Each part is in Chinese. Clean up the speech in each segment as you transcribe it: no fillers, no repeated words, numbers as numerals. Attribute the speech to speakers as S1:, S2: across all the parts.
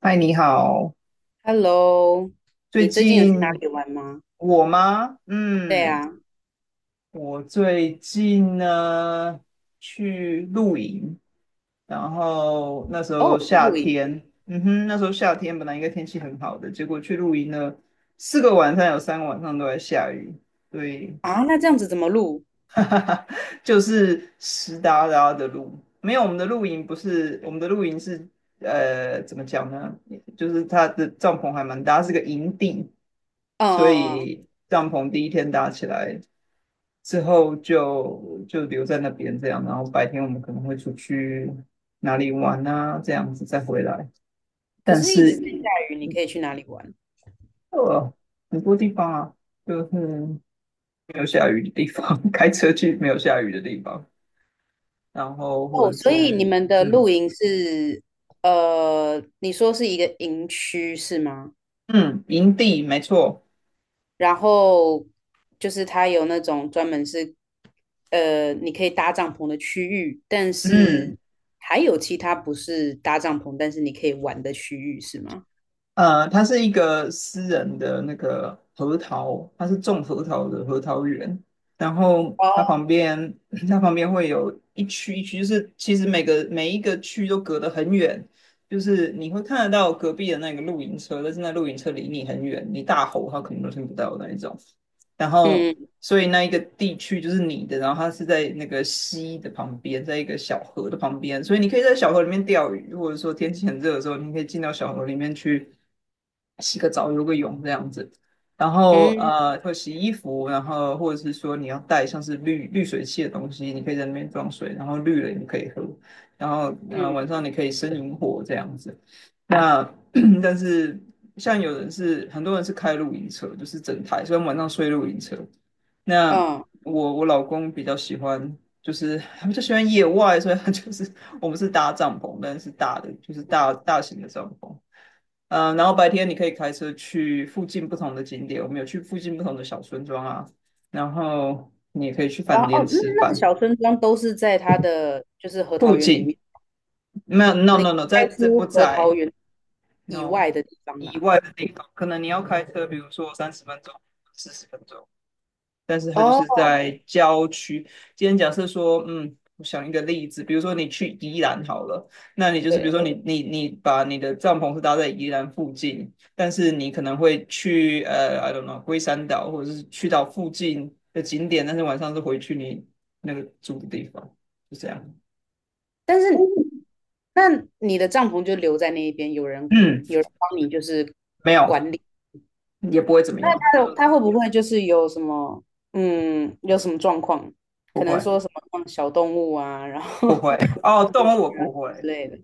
S1: 嗨，你好。
S2: Hello，
S1: 最
S2: 你最近有去哪里
S1: 近
S2: 玩吗？
S1: 我吗？
S2: 对
S1: 嗯，
S2: 啊，
S1: 我最近呢去露营，然后那时
S2: 哦，
S1: 候夏
S2: 露营
S1: 天，嗯哼，那时候夏天本来应该天气很好的，结果去露营呢，4个晚上，有3个晚上都在下雨，对。
S2: 啊，那这样子怎么露？
S1: 就是湿哒哒的路。没有，我们的露营不是，我们的露营是怎么讲呢？就是它的帐篷还蛮大，它是个营地，
S2: 嗯
S1: 所
S2: 嗯嗯，
S1: 以帐篷第一天搭起来之后就留在那边这样，然后白天我们可能会出去哪里玩啊，这样子再回来。
S2: 可
S1: 但
S2: 是一直
S1: 是
S2: 在下雨，你可以去哪里玩？
S1: 呃，很多地方啊，就是没有下雨的地方。开车去没有下雨的地方。然后或
S2: 哦，
S1: 者
S2: 所以你
S1: 是
S2: 们的露
S1: 嗯
S2: 营是，你说是一个营区是吗？
S1: 嗯，营地没错。
S2: 然后就是它有那种专门是，你可以搭帐篷的区域，但
S1: 嗯
S2: 是还有其他不是搭帐篷，但是你可以玩的区域是吗？
S1: 它是一个私人的那个核桃，它是种核桃的核桃园，然后它
S2: 哦，
S1: 旁边 它旁边会有一区一区，就是其实每一个区都隔得很远，就是你会看得到隔壁的那个露营车，但是那露营车离你很远，你大吼它可能都听不到的那一种。然后
S2: 嗯
S1: 所以那一个地区就是你的，然后它是在那个溪的旁边，在一个小河的旁边，所以你可以在小河里面钓鱼，或者说天气很热的时候，你可以进到小河里面去洗个澡、游个泳这样子。然后
S2: 嗯
S1: 会洗衣服，然后或者是说你要带像是滤水器的东西，你可以在那边装水，然后滤了你可以喝。然后
S2: 嗯
S1: 晚上你可以生萤火这样子。那 但是像有人是很多人是开露营车，就是整台，所以晚上睡露营车。那
S2: 嗯。
S1: 我老公比较喜欢，就是他比较喜欢野外，所以他就是我们是搭帐篷，但是大的就是大大型的帐篷。然后白天你可以开车去附近不同的景点，我们有去附近不同的小村庄啊，然后你也可以去
S2: 然
S1: 饭
S2: 后
S1: 店
S2: 哦，那
S1: 吃
S2: 那个
S1: 饭。
S2: 小村庄都是在它的就是核
S1: 附
S2: 桃园里
S1: 近
S2: 面，
S1: 没有，no
S2: 你
S1: no no，在
S2: 开
S1: 在
S2: 出
S1: 不
S2: 核桃
S1: 在
S2: 园以
S1: no
S2: 外的地方
S1: 以
S2: 啦。
S1: 外的地方，可能你要开车，比如说30分钟、40分钟，但是它就
S2: 哦，
S1: 是在郊区。今天假设说，嗯，我想一个例子，比如说你去宜兰好了，那你就是比如
S2: 对，
S1: 说你把你的帐篷是搭在宜兰附近，但是你可能会去I don't know，龟山岛或者是去到附近的景点，但是晚上是回去你那个住的地方，就这样。
S2: 但是那你的帐篷就留在那一边，有人
S1: 嗯，
S2: 有人帮你就是
S1: 没有，
S2: 管理。
S1: 也不会怎么样，没
S2: 它
S1: 有，
S2: 他会不会就是有什么状况？
S1: 不
S2: 可能说
S1: 会，
S2: 什么放小动物啊，然后
S1: 不会。哦，
S2: 跑进
S1: 动
S2: 去
S1: 物我
S2: 啊
S1: 不
S2: 之
S1: 会。
S2: 类的。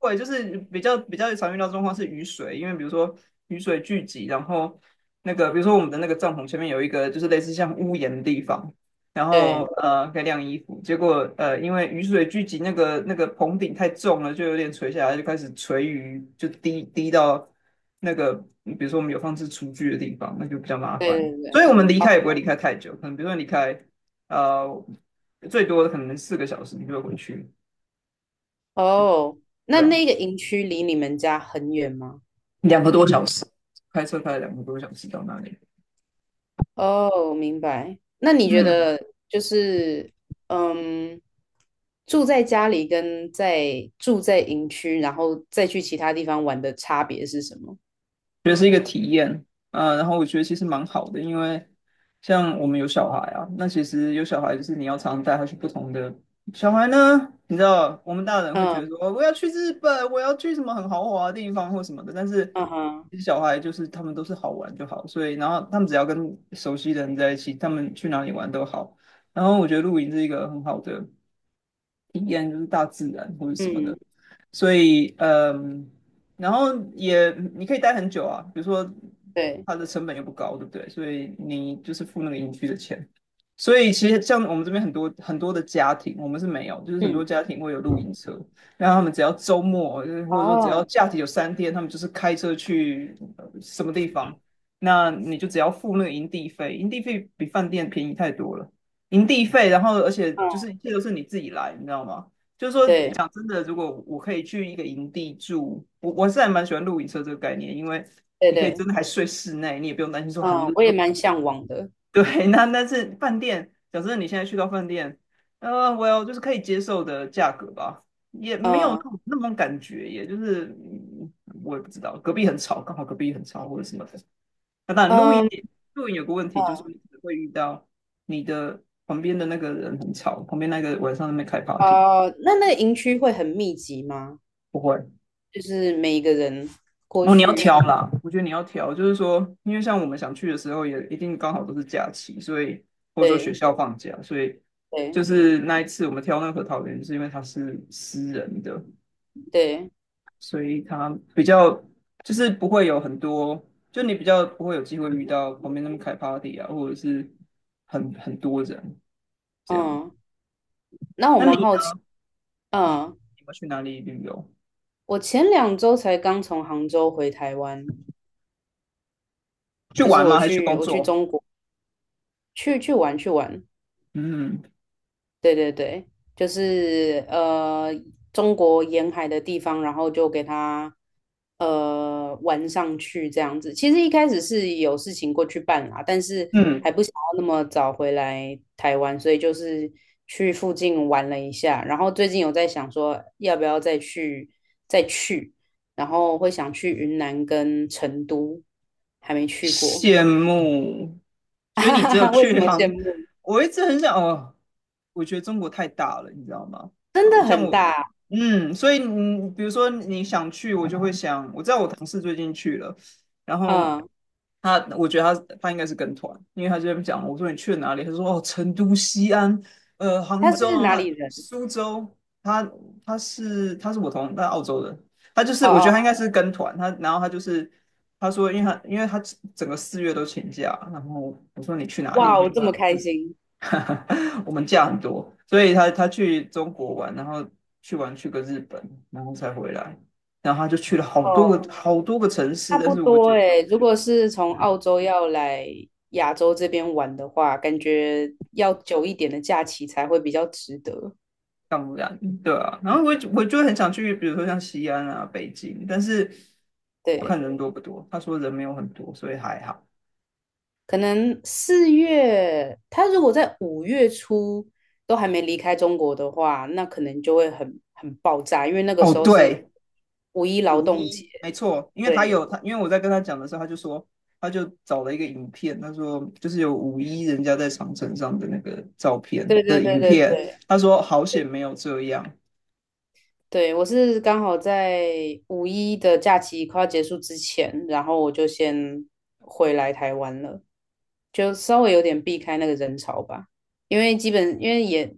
S1: 对，就是比较常遇到的状况是雨水，因为比如说雨水聚集，然后那个比如说我们的那个帐篷前面有一个就是类似像屋檐的地方，然后
S2: 对
S1: 可以晾衣服，结果因为雨水聚集，那个棚顶太重了，就有点垂下来，就开始垂雨，就滴滴到那个比如说我们有放置厨具的地方，那就比较麻烦，
S2: 对对
S1: 所
S2: 对，
S1: 以我们离
S2: 哦，
S1: 开也不会离开太久，可能比如说离开呃最多可能4个小时你就会回去，
S2: 哦
S1: 对
S2: 那
S1: 啊。
S2: 那个营区离你们家很远吗？
S1: 两个多小时，开车开了两个多小时到那里。
S2: 哦，明白。那你觉
S1: 嗯，
S2: 得就是，嗯，住在家里跟住在营区，然后再去其他地方玩的差别是什么？
S1: 觉得是呃，然后我觉得其实蛮好的，因为像我们有小孩啊，那其实有小孩就是你要常常带他去不同的小孩呢，你知道我们大人会觉得
S2: 嗯
S1: 说哦我要去日本，我要去什么很豪华的地方或什么的，但是
S2: 嗯哼，
S1: 其实小孩就是他们都是好玩就好，所以然后他们只要跟熟悉的人在一起，他们去哪里玩都好。然后我觉得露营是一个很好的，什么
S2: 嗯，
S1: 的，所以然后也你可以待很久啊，比如说
S2: 对，
S1: 它的成本又不高，对不对？所以你就是付那个营区的钱。所以其实像我们这边很多很多的家庭，我们是没有，就是很
S2: 嗯，
S1: 多家庭会有露营车，然后他们只要周末，或者说只要
S2: 哦，
S1: 假期有3天，他们就是开车去什么地方，那你就只要付那个营地费，营地费比饭店便宜太多了。营地费，然后而且
S2: 嗯，
S1: 就是一切都是你自己来，你知道吗？就是说，
S2: 对
S1: 讲真的，如果我可以去一个营地住，我是还蛮喜欢露营车这个概念，因为
S2: 对
S1: 你可以
S2: 对，
S1: 真的还睡室内，你也不用担心说很
S2: 嗯，
S1: 冷。
S2: 我也 蛮向往的。
S1: 对，那但是饭店，讲真的，你现在去到饭店，well，就是可以接受的价格吧，也没有那
S2: 嗯
S1: 种感觉，也就是我也不知道，隔壁很吵，刚好隔壁很吵或者什么的。那当然，
S2: 嗯
S1: 露营有个问题，就是你会遇到你的旁边的那个人很吵，旁边那个晚上在那边开 party。
S2: 哦，那个营区会很密集吗？
S1: 不会。
S2: 就是每一个人过
S1: 哦，你要
S2: 去，
S1: 挑啦，我觉得你要挑，就是说，因为像我们想去的时候，也一定刚好都是假期，所以或者说学
S2: 对
S1: 校放假，所以
S2: 对
S1: 就是那一次我们挑那个桃园，是因为它是私人的，
S2: 对，
S1: 所以它比较就是不会有很多，就你比较不会有机会遇到旁边那么开 party 啊，或者是很多人这样。
S2: 嗯，那我
S1: 那
S2: 蛮
S1: 你
S2: 好奇，
S1: 呢？你
S2: 嗯。
S1: 你们去哪里旅游？
S2: 我前2周才刚从杭州回台湾，
S1: 去
S2: 就是
S1: 玩
S2: 我
S1: 吗？还是去
S2: 去
S1: 工
S2: 我去
S1: 作？
S2: 中国去玩，
S1: 嗯
S2: 对对对，就是中国沿海的地方，然后就给他玩上去这样子。其实一开始是有事情过去办啦，但是
S1: 嗯。
S2: 还不想要那么早回来台湾，所以就是去附近玩了一下。然后最近有在想说，要不要再去，然后会想去云南跟成都，还没去过，
S1: 羡慕，所以
S2: 哈
S1: 你
S2: 哈
S1: 只有
S2: 哈为什
S1: 去
S2: 么羡
S1: 杭。
S2: 慕？
S1: 我一直很想哦，我觉得中国太大了，你知道吗？
S2: 真
S1: 我
S2: 的
S1: 像
S2: 很
S1: 我，
S2: 大，
S1: 嗯，所以你比如说你想去，我就会想，我知道我同事最近去了，然后
S2: 嗯，
S1: 他，我觉得他应该是跟团，因为他就在那边讲，我说你去了哪里？他说哦，成都、西安、杭
S2: 他
S1: 州
S2: 是哪
S1: 啊，
S2: 里人？
S1: 苏州。他他是我同他澳洲的，他就是
S2: 哦
S1: 我觉得
S2: 哦，
S1: 他应该是跟团，他然后他就是他说，因为他整个4月都请假，然后我说你去哪
S2: 哇
S1: 里？他
S2: 我这么
S1: 说
S2: 开心
S1: 我们假很多，所以他去中国玩，然后去玩去个日本，然后才回来，然后他就去了
S2: 哦，
S1: 好多个城市，
S2: 差
S1: 但
S2: 不
S1: 是我
S2: 多
S1: 觉得
S2: 诶。如果是从澳洲要来亚洲这边玩的话，感觉要久一点的假期才会比较值得。
S1: 当不然对啊。然后我就很想去，比如说像西安啊、北京，但是我看
S2: 对，
S1: 人多不多，他说人没有很多，所以还好。
S2: 可能4月，他如果在5月初都还没离开中国的话，那可能就会很爆炸，因为那个
S1: 哦，
S2: 时候是
S1: 对，
S2: 五一劳
S1: 五
S2: 动节。
S1: 一，没错，
S2: 对，
S1: 因为我在跟他讲的时候，他就说，他就找了一个影片，他说就是有五一人家在长城上的那个照片
S2: 对对
S1: 的
S2: 对
S1: 影
S2: 对
S1: 片，
S2: 对。
S1: 他说好险没有这样。
S2: 对，我是刚好在五一的假期快要结束之前，然后我就先回来台湾了，就稍微有点避开那个人潮吧，因为也，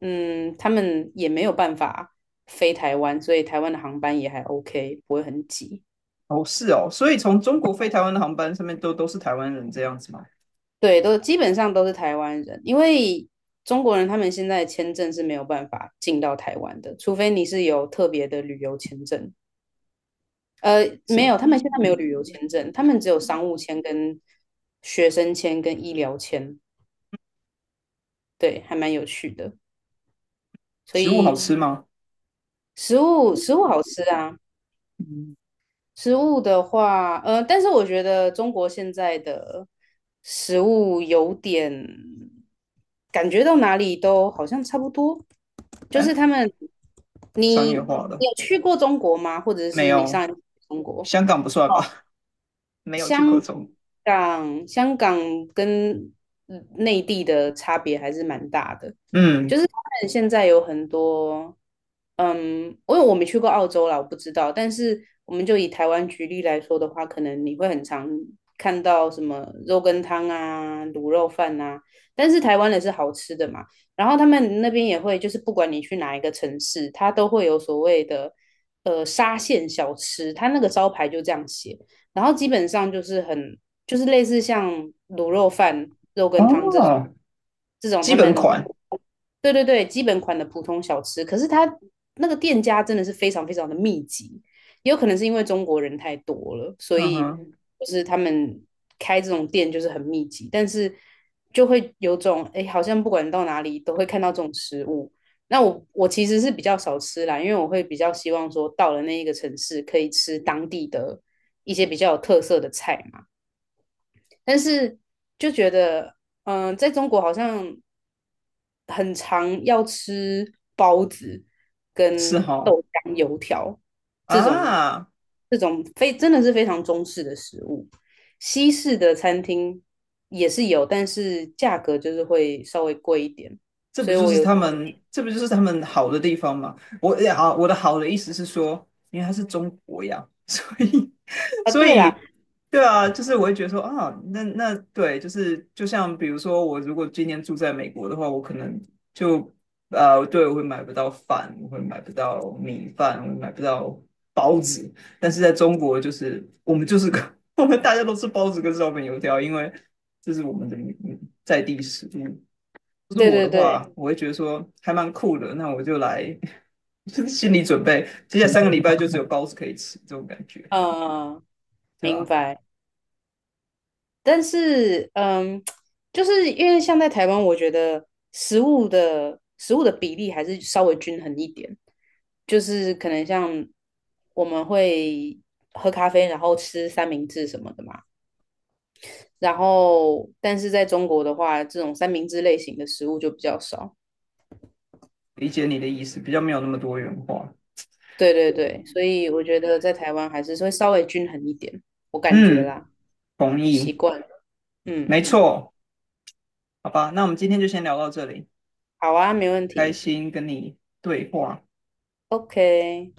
S2: 他们也没有办法飞台湾，所以台湾的航班也还 OK,不会很挤。
S1: 哦，是哦，所以从中国飞台湾的航班上面都是台湾人这样子吗？
S2: 对，都基本上都是台湾人，因为中国人他们现在签证是没有办法进到台湾的，除非你是有特别的旅游签证。没
S1: 是。
S2: 有，他们现在没有旅游签证，他们只有商务签、跟学生签、跟医疗签，对，还蛮有趣的。所
S1: 食物好
S2: 以
S1: 吃吗？
S2: 食物好吃啊，
S1: 嗯，
S2: 食物的话，但是我觉得中国现在的食物有点感觉到哪里都好像差不多，就是
S1: 哎，
S2: 他们，
S1: 商
S2: 你
S1: 业
S2: 你
S1: 化的。
S2: 有去过中国吗？或者
S1: 没
S2: 是你
S1: 有，
S2: 上一次去中国？
S1: 香港不算吧？没有去过
S2: 香
S1: 中国。
S2: 港，香港跟内地的差别还是蛮大的，
S1: 嗯，
S2: 就是他们现在有很多，嗯，因为我没去过澳洲啦，我不知道，但是我们就以台湾举例来说的话，可能你会很常看到什么肉羹汤啊、卤肉饭啊，但是台湾的是好吃的嘛，然后他们那边也会，就是不管你去哪一个城市，它都会有所谓的沙县小吃，它那个招牌就这样写。然后基本上就是类似像卤肉饭、肉羹汤这种
S1: 哦，
S2: 这种他
S1: 基本
S2: 们
S1: 款，
S2: 对对对基本款的普通小吃，可是它那个店家真的是非常非常的密集，也有可能是因为中国人太多了，所
S1: 嗯
S2: 以
S1: 哼，
S2: 就是他们开这种店就是很密集，但是就会有种哎，诶好像不管到哪里都会看到这种食物。那我其实是比较少吃啦，因为我会比较希望说到了那一个城市可以吃当地的一些比较有特色的菜嘛。但是就觉得，在中国好像很常要吃包子
S1: 是
S2: 跟豆
S1: 哈、
S2: 浆、油条这种
S1: 啊。
S2: 这种非真的是非常中式的食物。西式的餐厅也是有，但是价格就是会稍微贵一点。所以我有
S1: 这不就是他们好的地方吗？我的好的意思是说，因为它是中国呀，所以，
S2: 啊，
S1: 所
S2: 对啦，
S1: 以，对啊，就是我会觉得说啊，那那对，就是就像比如说，我如果今年住在美国的话，我可能就对，我会买不到饭，我会买不到米饭，我会买不到包子，但是在中国，就是我们就是个，我们大家都吃包子跟烧饼油条，因为这是我们的在地食物。是
S2: 对
S1: 我的
S2: 对对，
S1: 话，我会觉得说还蛮酷的，那我就来。就是心理准备，接下来3个礼拜就只有包子可以吃，这种感觉，
S2: 嗯，
S1: 对
S2: 明
S1: 吧？
S2: 白。但是，就是因为像在台湾，我觉得食物的比例还是稍微均衡一点，就是可能像我们会喝咖啡，然后吃三明治什么的嘛。然后，但是在中国的话，这种三明治类型的食物就比较少。
S1: 理解你的意思，比较没有那么多元化。
S2: 对对对，所以我觉得在台湾还是会稍微均衡一点，我感觉
S1: 嗯，
S2: 啦，
S1: 同
S2: 习
S1: 意，
S2: 惯了。
S1: 没
S2: 嗯，
S1: 错，好吧，那我们今天就先聊到这里，
S2: 好啊，没问
S1: 开
S2: 题。
S1: 心跟你对话。
S2: OK。